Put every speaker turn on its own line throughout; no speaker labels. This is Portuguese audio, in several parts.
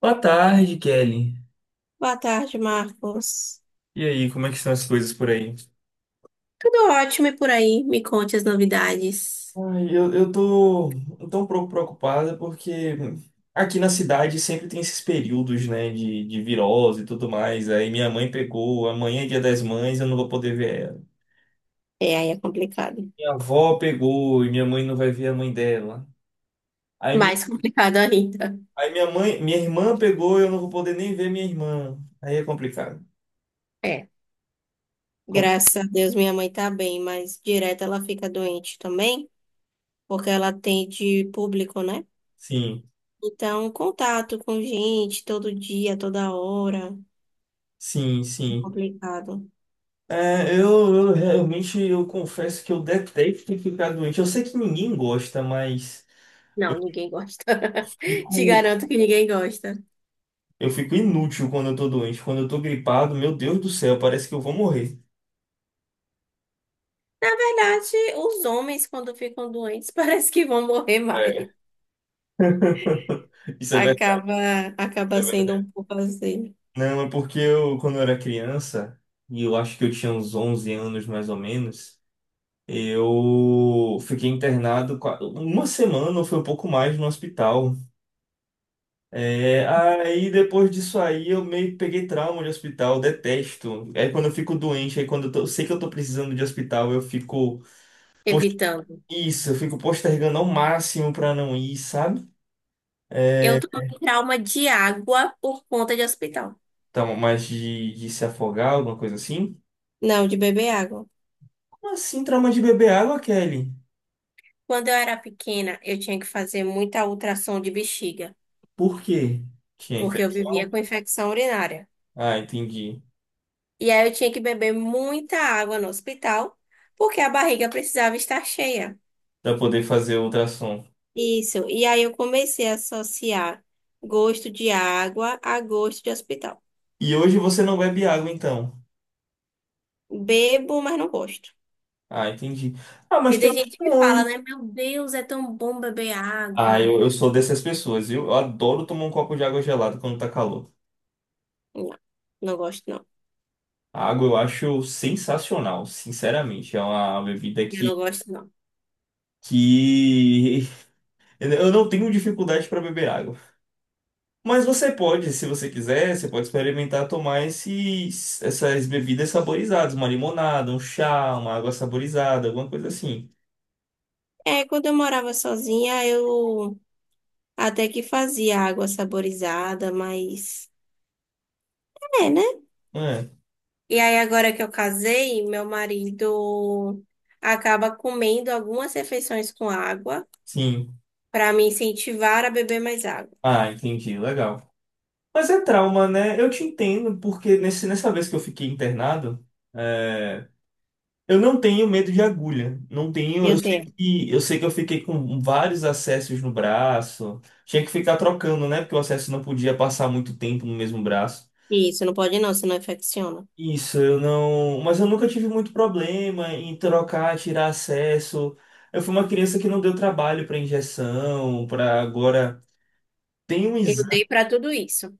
Boa tarde, Kelly.
Boa tarde, Marcos.
E aí, como é que estão as coisas por aí?
Tudo ótimo. E por aí, me conte as novidades.
Ai, eu tô tão preocupada porque aqui na cidade sempre tem esses períodos, né, de virose e tudo mais. Aí minha mãe pegou, amanhã é dia das mães, eu não vou poder ver ela.
É, aí é complicado.
Minha avó pegou e minha mãe não vai ver a mãe dela. Aí, mi,
Mais complicado ainda.
aí minha mãe, minha irmã pegou e eu não vou poder nem ver minha irmã. Aí é complicado.
É.
Compli-
Graças a Deus minha mãe tá bem, mas direto ela fica doente também, porque ela atende público, né?
Sim,
Então, contato com gente todo dia, toda hora,
sim,
é
sim.
complicado.
É, eu realmente eu confesso que eu detesto ficar doente. Eu sei que ninguém gosta, mas
Não, ninguém gosta. Te
fico,
garanto que ninguém gosta.
eu fico inútil quando eu tô doente. Quando eu tô gripado, meu Deus do céu, parece que eu vou morrer.
Na verdade, os homens, quando ficam doentes, parece que vão morrer mais.
É, isso é verdade,
Acaba,
isso
acaba
é
sendo
verdade.
um pouco assim,
Não, é porque eu, quando eu era criança, e eu acho que eu tinha uns 11 anos mais ou menos, eu fiquei internado uma semana ou foi um pouco mais no hospital. É, aí depois disso aí eu meio que peguei trauma de hospital, detesto. Aí quando eu fico doente, aí quando eu sei que eu tô precisando de hospital, eu fico post-
evitando.
isso, eu fico postergando ao máximo pra não ir, sabe?
Eu
É,
tô com trauma de água por conta de hospital.
então, mas de se afogar, alguma coisa assim?
Não, de beber água.
Como assim trauma de beber água, Kelly?
Quando eu era pequena, eu tinha que fazer muita ultrassom de bexiga,
Por quê? Tinha
porque eu vivia
infecção?
com infecção urinária.
Ah, entendi.
E aí eu tinha que beber muita água no hospital, porque a barriga precisava estar cheia.
Pra poder fazer ultrassom.
Isso. E aí eu comecei a associar gosto de água a gosto de hospital.
E hoje você não bebe água, então.
Bebo, mas não gosto.
Ah, entendi. Ah, mas
Porque
tem
tem gente que fala,
opções.
né? Meu Deus, é tão bom beber
Ah,
água.
eu sou dessas pessoas, viu? Eu adoro tomar um copo de água gelada quando tá calor.
Não, não gosto, não.
A água eu acho sensacional, sinceramente. É uma bebida
Eu não
que,
gosto, não.
que... eu não tenho dificuldade para beber água. Mas você pode, se você quiser, você pode experimentar tomar essas bebidas saborizadas, uma limonada, um chá, uma água saborizada, alguma coisa assim.
É, quando eu morava sozinha, eu até que fazia água saborizada, mas. É, né?
Ah,
E aí, agora que eu casei, meu marido acaba comendo algumas refeições com água
sim.
para me incentivar a beber mais água.
Ah, entendi, legal. Mas é trauma, né? Eu te entendo, porque nessa vez que eu fiquei internado. eh, Eu não tenho medo de agulha. Não tenho. Eu
Eu
sei
tenho.
que eu sei que eu fiquei com vários acessos no braço. Tinha que ficar trocando, né? Porque o acesso não podia passar muito tempo no mesmo braço.
Isso, não pode não, senão infecciona.
Isso, eu não. Mas eu nunca tive muito problema em trocar, tirar acesso. Eu fui uma criança que não deu trabalho para injeção, para agora. Tem um
Eu dei
exame,
para tudo isso.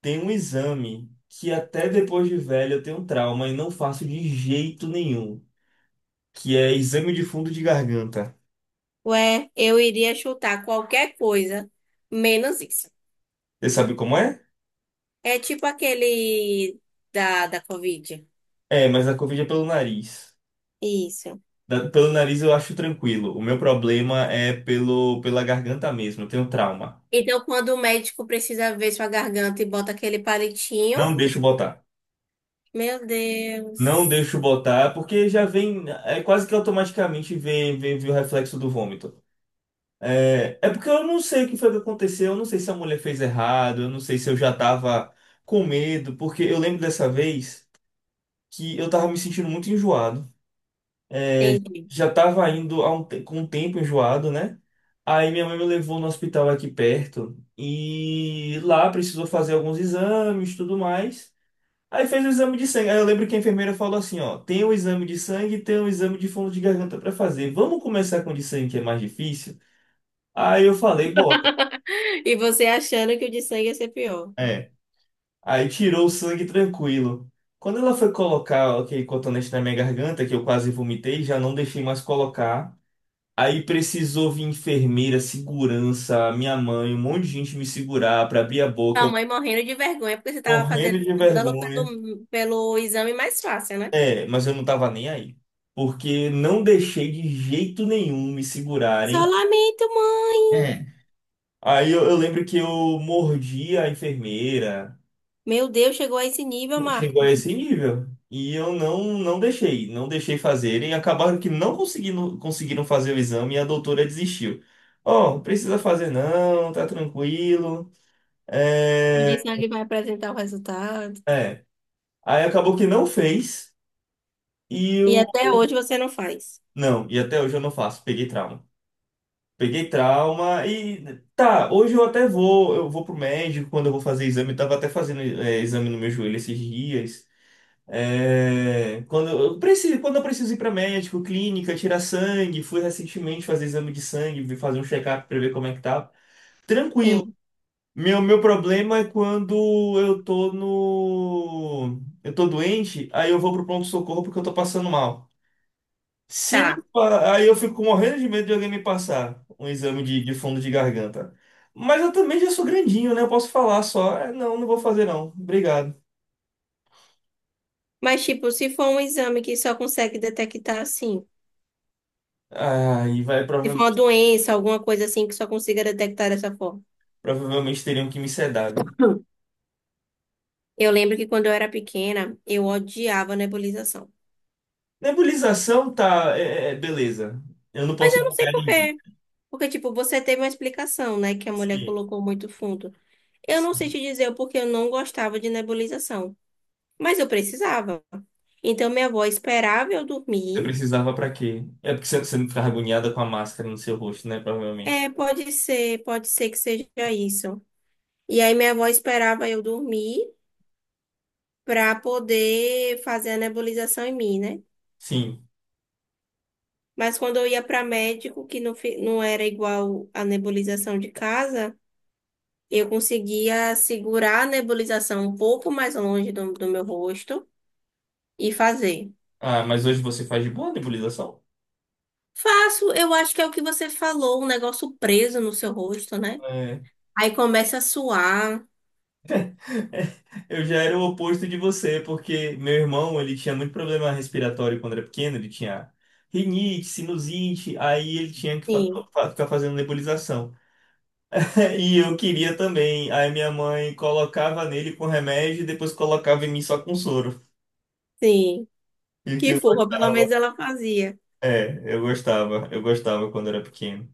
tem um exame que até depois de velho eu tenho um trauma e não faço de jeito nenhum, que é exame de fundo de garganta.
Ué, eu iria chutar qualquer coisa, menos isso.
Você sabe como é?
É tipo aquele da Covid.
É, mas a Covid é pelo nariz.
Isso.
Pelo nariz eu acho tranquilo. O meu problema é pela garganta mesmo. Eu tenho trauma.
Então, quando o médico precisa ver sua garganta e bota aquele palitinho,
Não deixo botar.
meu
Não
Deus.
deixo botar, porque já vem. É quase que automaticamente vem, vem, vem o reflexo do vômito. É, é porque eu não sei o que foi que aconteceu. Eu não sei se a mulher fez errado. Eu não sei se eu já tava com medo. Porque eu lembro dessa vez que eu tava me sentindo muito enjoado.
Entendi.
Já estava indo com um tempo enjoado, né? Aí minha mãe me levou no hospital aqui perto e lá precisou fazer alguns exames, e tudo mais. Aí fez o exame de sangue. Aí eu lembro que a enfermeira falou assim, ó, tem o exame de sangue e tem o exame de fundo de garganta para fazer. Vamos começar com o de sangue que é mais difícil? Aí eu falei, bora.
E você achando que o de sangue ia ser pior.
É. Aí tirou o sangue tranquilo. Quando ela foi colocar aquele cotonete na minha garganta, que eu quase vomitei, já não deixei mais colocar. Aí precisou vir enfermeira, segurança, minha mãe, um monte de gente me segurar para abrir a boca,
Sua
eu
mãe morrendo de vergonha porque você tava
morrendo
fazendo
de
escândalo
vergonha.
pelo exame mais fácil, né?
É, mas eu não tava nem aí. Porque não deixei de jeito nenhum me
Só
segurarem.
lamento, mãe.
É. Aí eu lembro que eu mordi a enfermeira,
Meu Deus, chegou a esse nível,
chegou a
Marcos.
esse nível. E eu não, não deixei, não deixei fazerem. Acabaram que não conseguindo, conseguiram fazer o exame e a doutora desistiu. Ó, não precisa fazer não, tá tranquilo. É.
O de sangue vai apresentar o resultado.
É. Aí acabou que não fez e
E
eu.
até hoje você não faz.
Não, e até hoje eu não faço. Peguei trauma. Peguei trauma e. Tá, hoje eu até vou. Eu vou pro médico quando eu vou fazer exame. Eu tava até fazendo exame no meu joelho esses dias. É, quando eu preciso, quando eu preciso ir para médico, clínica, tirar sangue, fui recentemente fazer exame de sangue, fazer um check-up para ver como é que tá. Tranquilo.
Sim.
Meu problema é quando eu tô no, eu tô doente, aí eu vou pro pronto-socorro porque eu tô passando mal. Se me...
Tá.
pa- Aí eu fico morrendo de medo de alguém me passar um exame de fundo de garganta. Mas eu também já sou grandinho, né? Eu posso falar só. "É, não, não vou fazer não. Obrigado.
Mas, tipo, se for um exame que só consegue detectar assim,
Aí vai,
se for uma
provavelmente,
doença, alguma coisa assim que só consiga detectar dessa forma.
provavelmente teriam que me sedar, viu?
Hum. Eu lembro que quando eu era pequena, eu odiava nebulização.
Nebulização tá, é, beleza. Eu não
Mas
posso
eu não sei
julgar
por
ninguém.
quê. Porque, tipo, você teve uma explicação, né? Que a mulher
Sim,
colocou muito fundo. Eu não sei
sim.
te dizer o porquê eu não gostava de nebulização. Mas eu precisava. Então, minha avó esperava eu
Você
dormir.
precisava pra quê? É porque você não ficava agoniada com a máscara no seu rosto, né? Provavelmente.
É, pode ser que seja isso. E aí, minha avó esperava eu dormir para poder fazer a nebulização em mim, né?
Sim.
Mas quando eu ia para médico, que não, não era igual a nebulização de casa, eu conseguia segurar a nebulização um pouco mais longe do meu rosto e fazer.
Ah, mas hoje você faz de boa a nebulização?
Faço, eu acho que é o que você falou, um negócio preso no seu rosto, né?
É.
Aí começa a suar.
Eu já era o oposto de você, porque meu irmão, ele tinha muito problema respiratório quando era pequeno, ele tinha rinite, sinusite, aí ele tinha que
Sim,
ficar fazendo nebulização. E eu queria também, aí minha mãe colocava nele com remédio e depois colocava em mim só com soro.
sim.
E que
Que
eu
fofa, pelo
gostava.
menos ela fazia.
É, eu gostava quando era pequeno.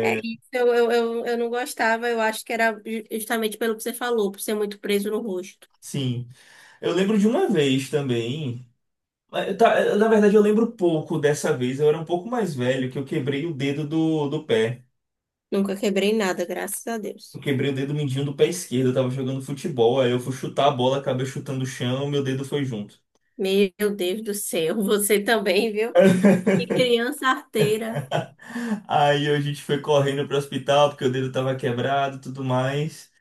É isso, eu não gostava, eu acho que era justamente pelo que você falou, por ser muito preso no rosto.
sim. Eu lembro de uma vez também. Mas eu na verdade, eu lembro pouco dessa vez. Eu era um pouco mais velho, que eu quebrei o dedo do pé.
Nunca quebrei nada, graças a
Eu
Deus.
quebrei o dedo mindinho do pé esquerdo. Eu tava jogando futebol. Aí eu fui chutar a bola, acabei chutando o chão, meu dedo foi junto.
Meu Deus do céu, você também, viu? E criança arteira
Aí a gente foi correndo pro hospital porque o dedo tava quebrado, e tudo mais.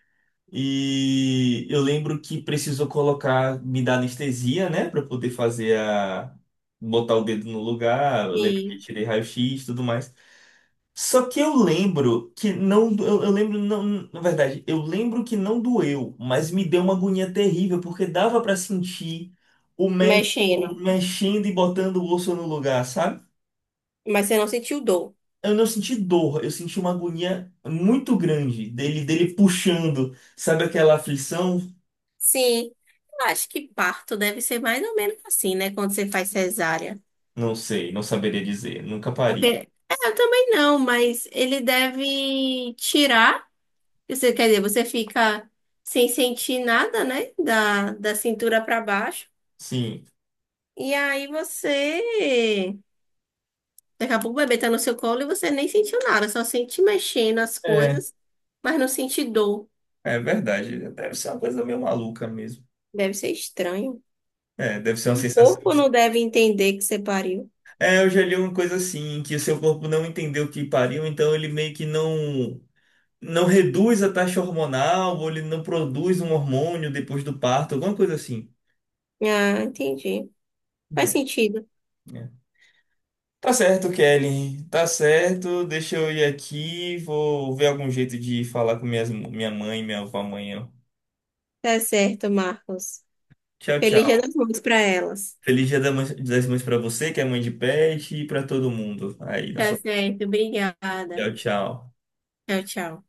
E eu lembro que precisou colocar, me dar anestesia, né, pra eu poder fazer a botar o dedo no lugar. Eu lembro
e
que tirei raio-x, e tudo mais. Só que eu lembro que não. Na verdade, eu lembro que não doeu, mas me deu uma agonia terrível, porque dava pra sentir o médico
mexendo.
mexendo e botando o osso no lugar, sabe?
Mas você não sentiu dor?
Eu não senti dor, eu senti uma agonia muito grande dele puxando, sabe aquela aflição?
Sim, eu acho que parto deve ser mais ou menos assim, né? Quando você faz cesárea.
Não sei, não saberia dizer, nunca
Porque
parei.
é, eu também não, mas ele deve tirar. Você, quer dizer, você fica sem sentir nada, né? Da cintura para baixo.
Sim,
E aí você, daqui a pouco o bebê tá no seu colo e você nem sentiu nada, só sente mexendo as
é,
coisas, mas não sente dor.
é verdade, deve ser uma coisa meio maluca mesmo.
Deve ser estranho.
É, deve ser uma
O
sensação.
corpo não deve entender que você pariu.
É, eu já li uma coisa assim, que o seu corpo não entendeu que pariu, então ele meio que não reduz a taxa hormonal, ou ele não produz um hormônio depois do parto, alguma coisa assim.
Ah, entendi. Faz
Né,
sentido.
né. Tá certo, Kelly. Tá certo. Deixa eu ir aqui. Vou ver algum jeito de falar com minha mãe e minha avó amanhã.
Tá certo, Marcos.
Tchau,
Feliz Dia
tchau.
das Mães pra elas.
Feliz Dia das Mães pra você, que é mãe de pet, e pra todo mundo. Aí, na
Tá
sua...
certo, obrigada.
Tchau, tchau.
Tchau, tchau.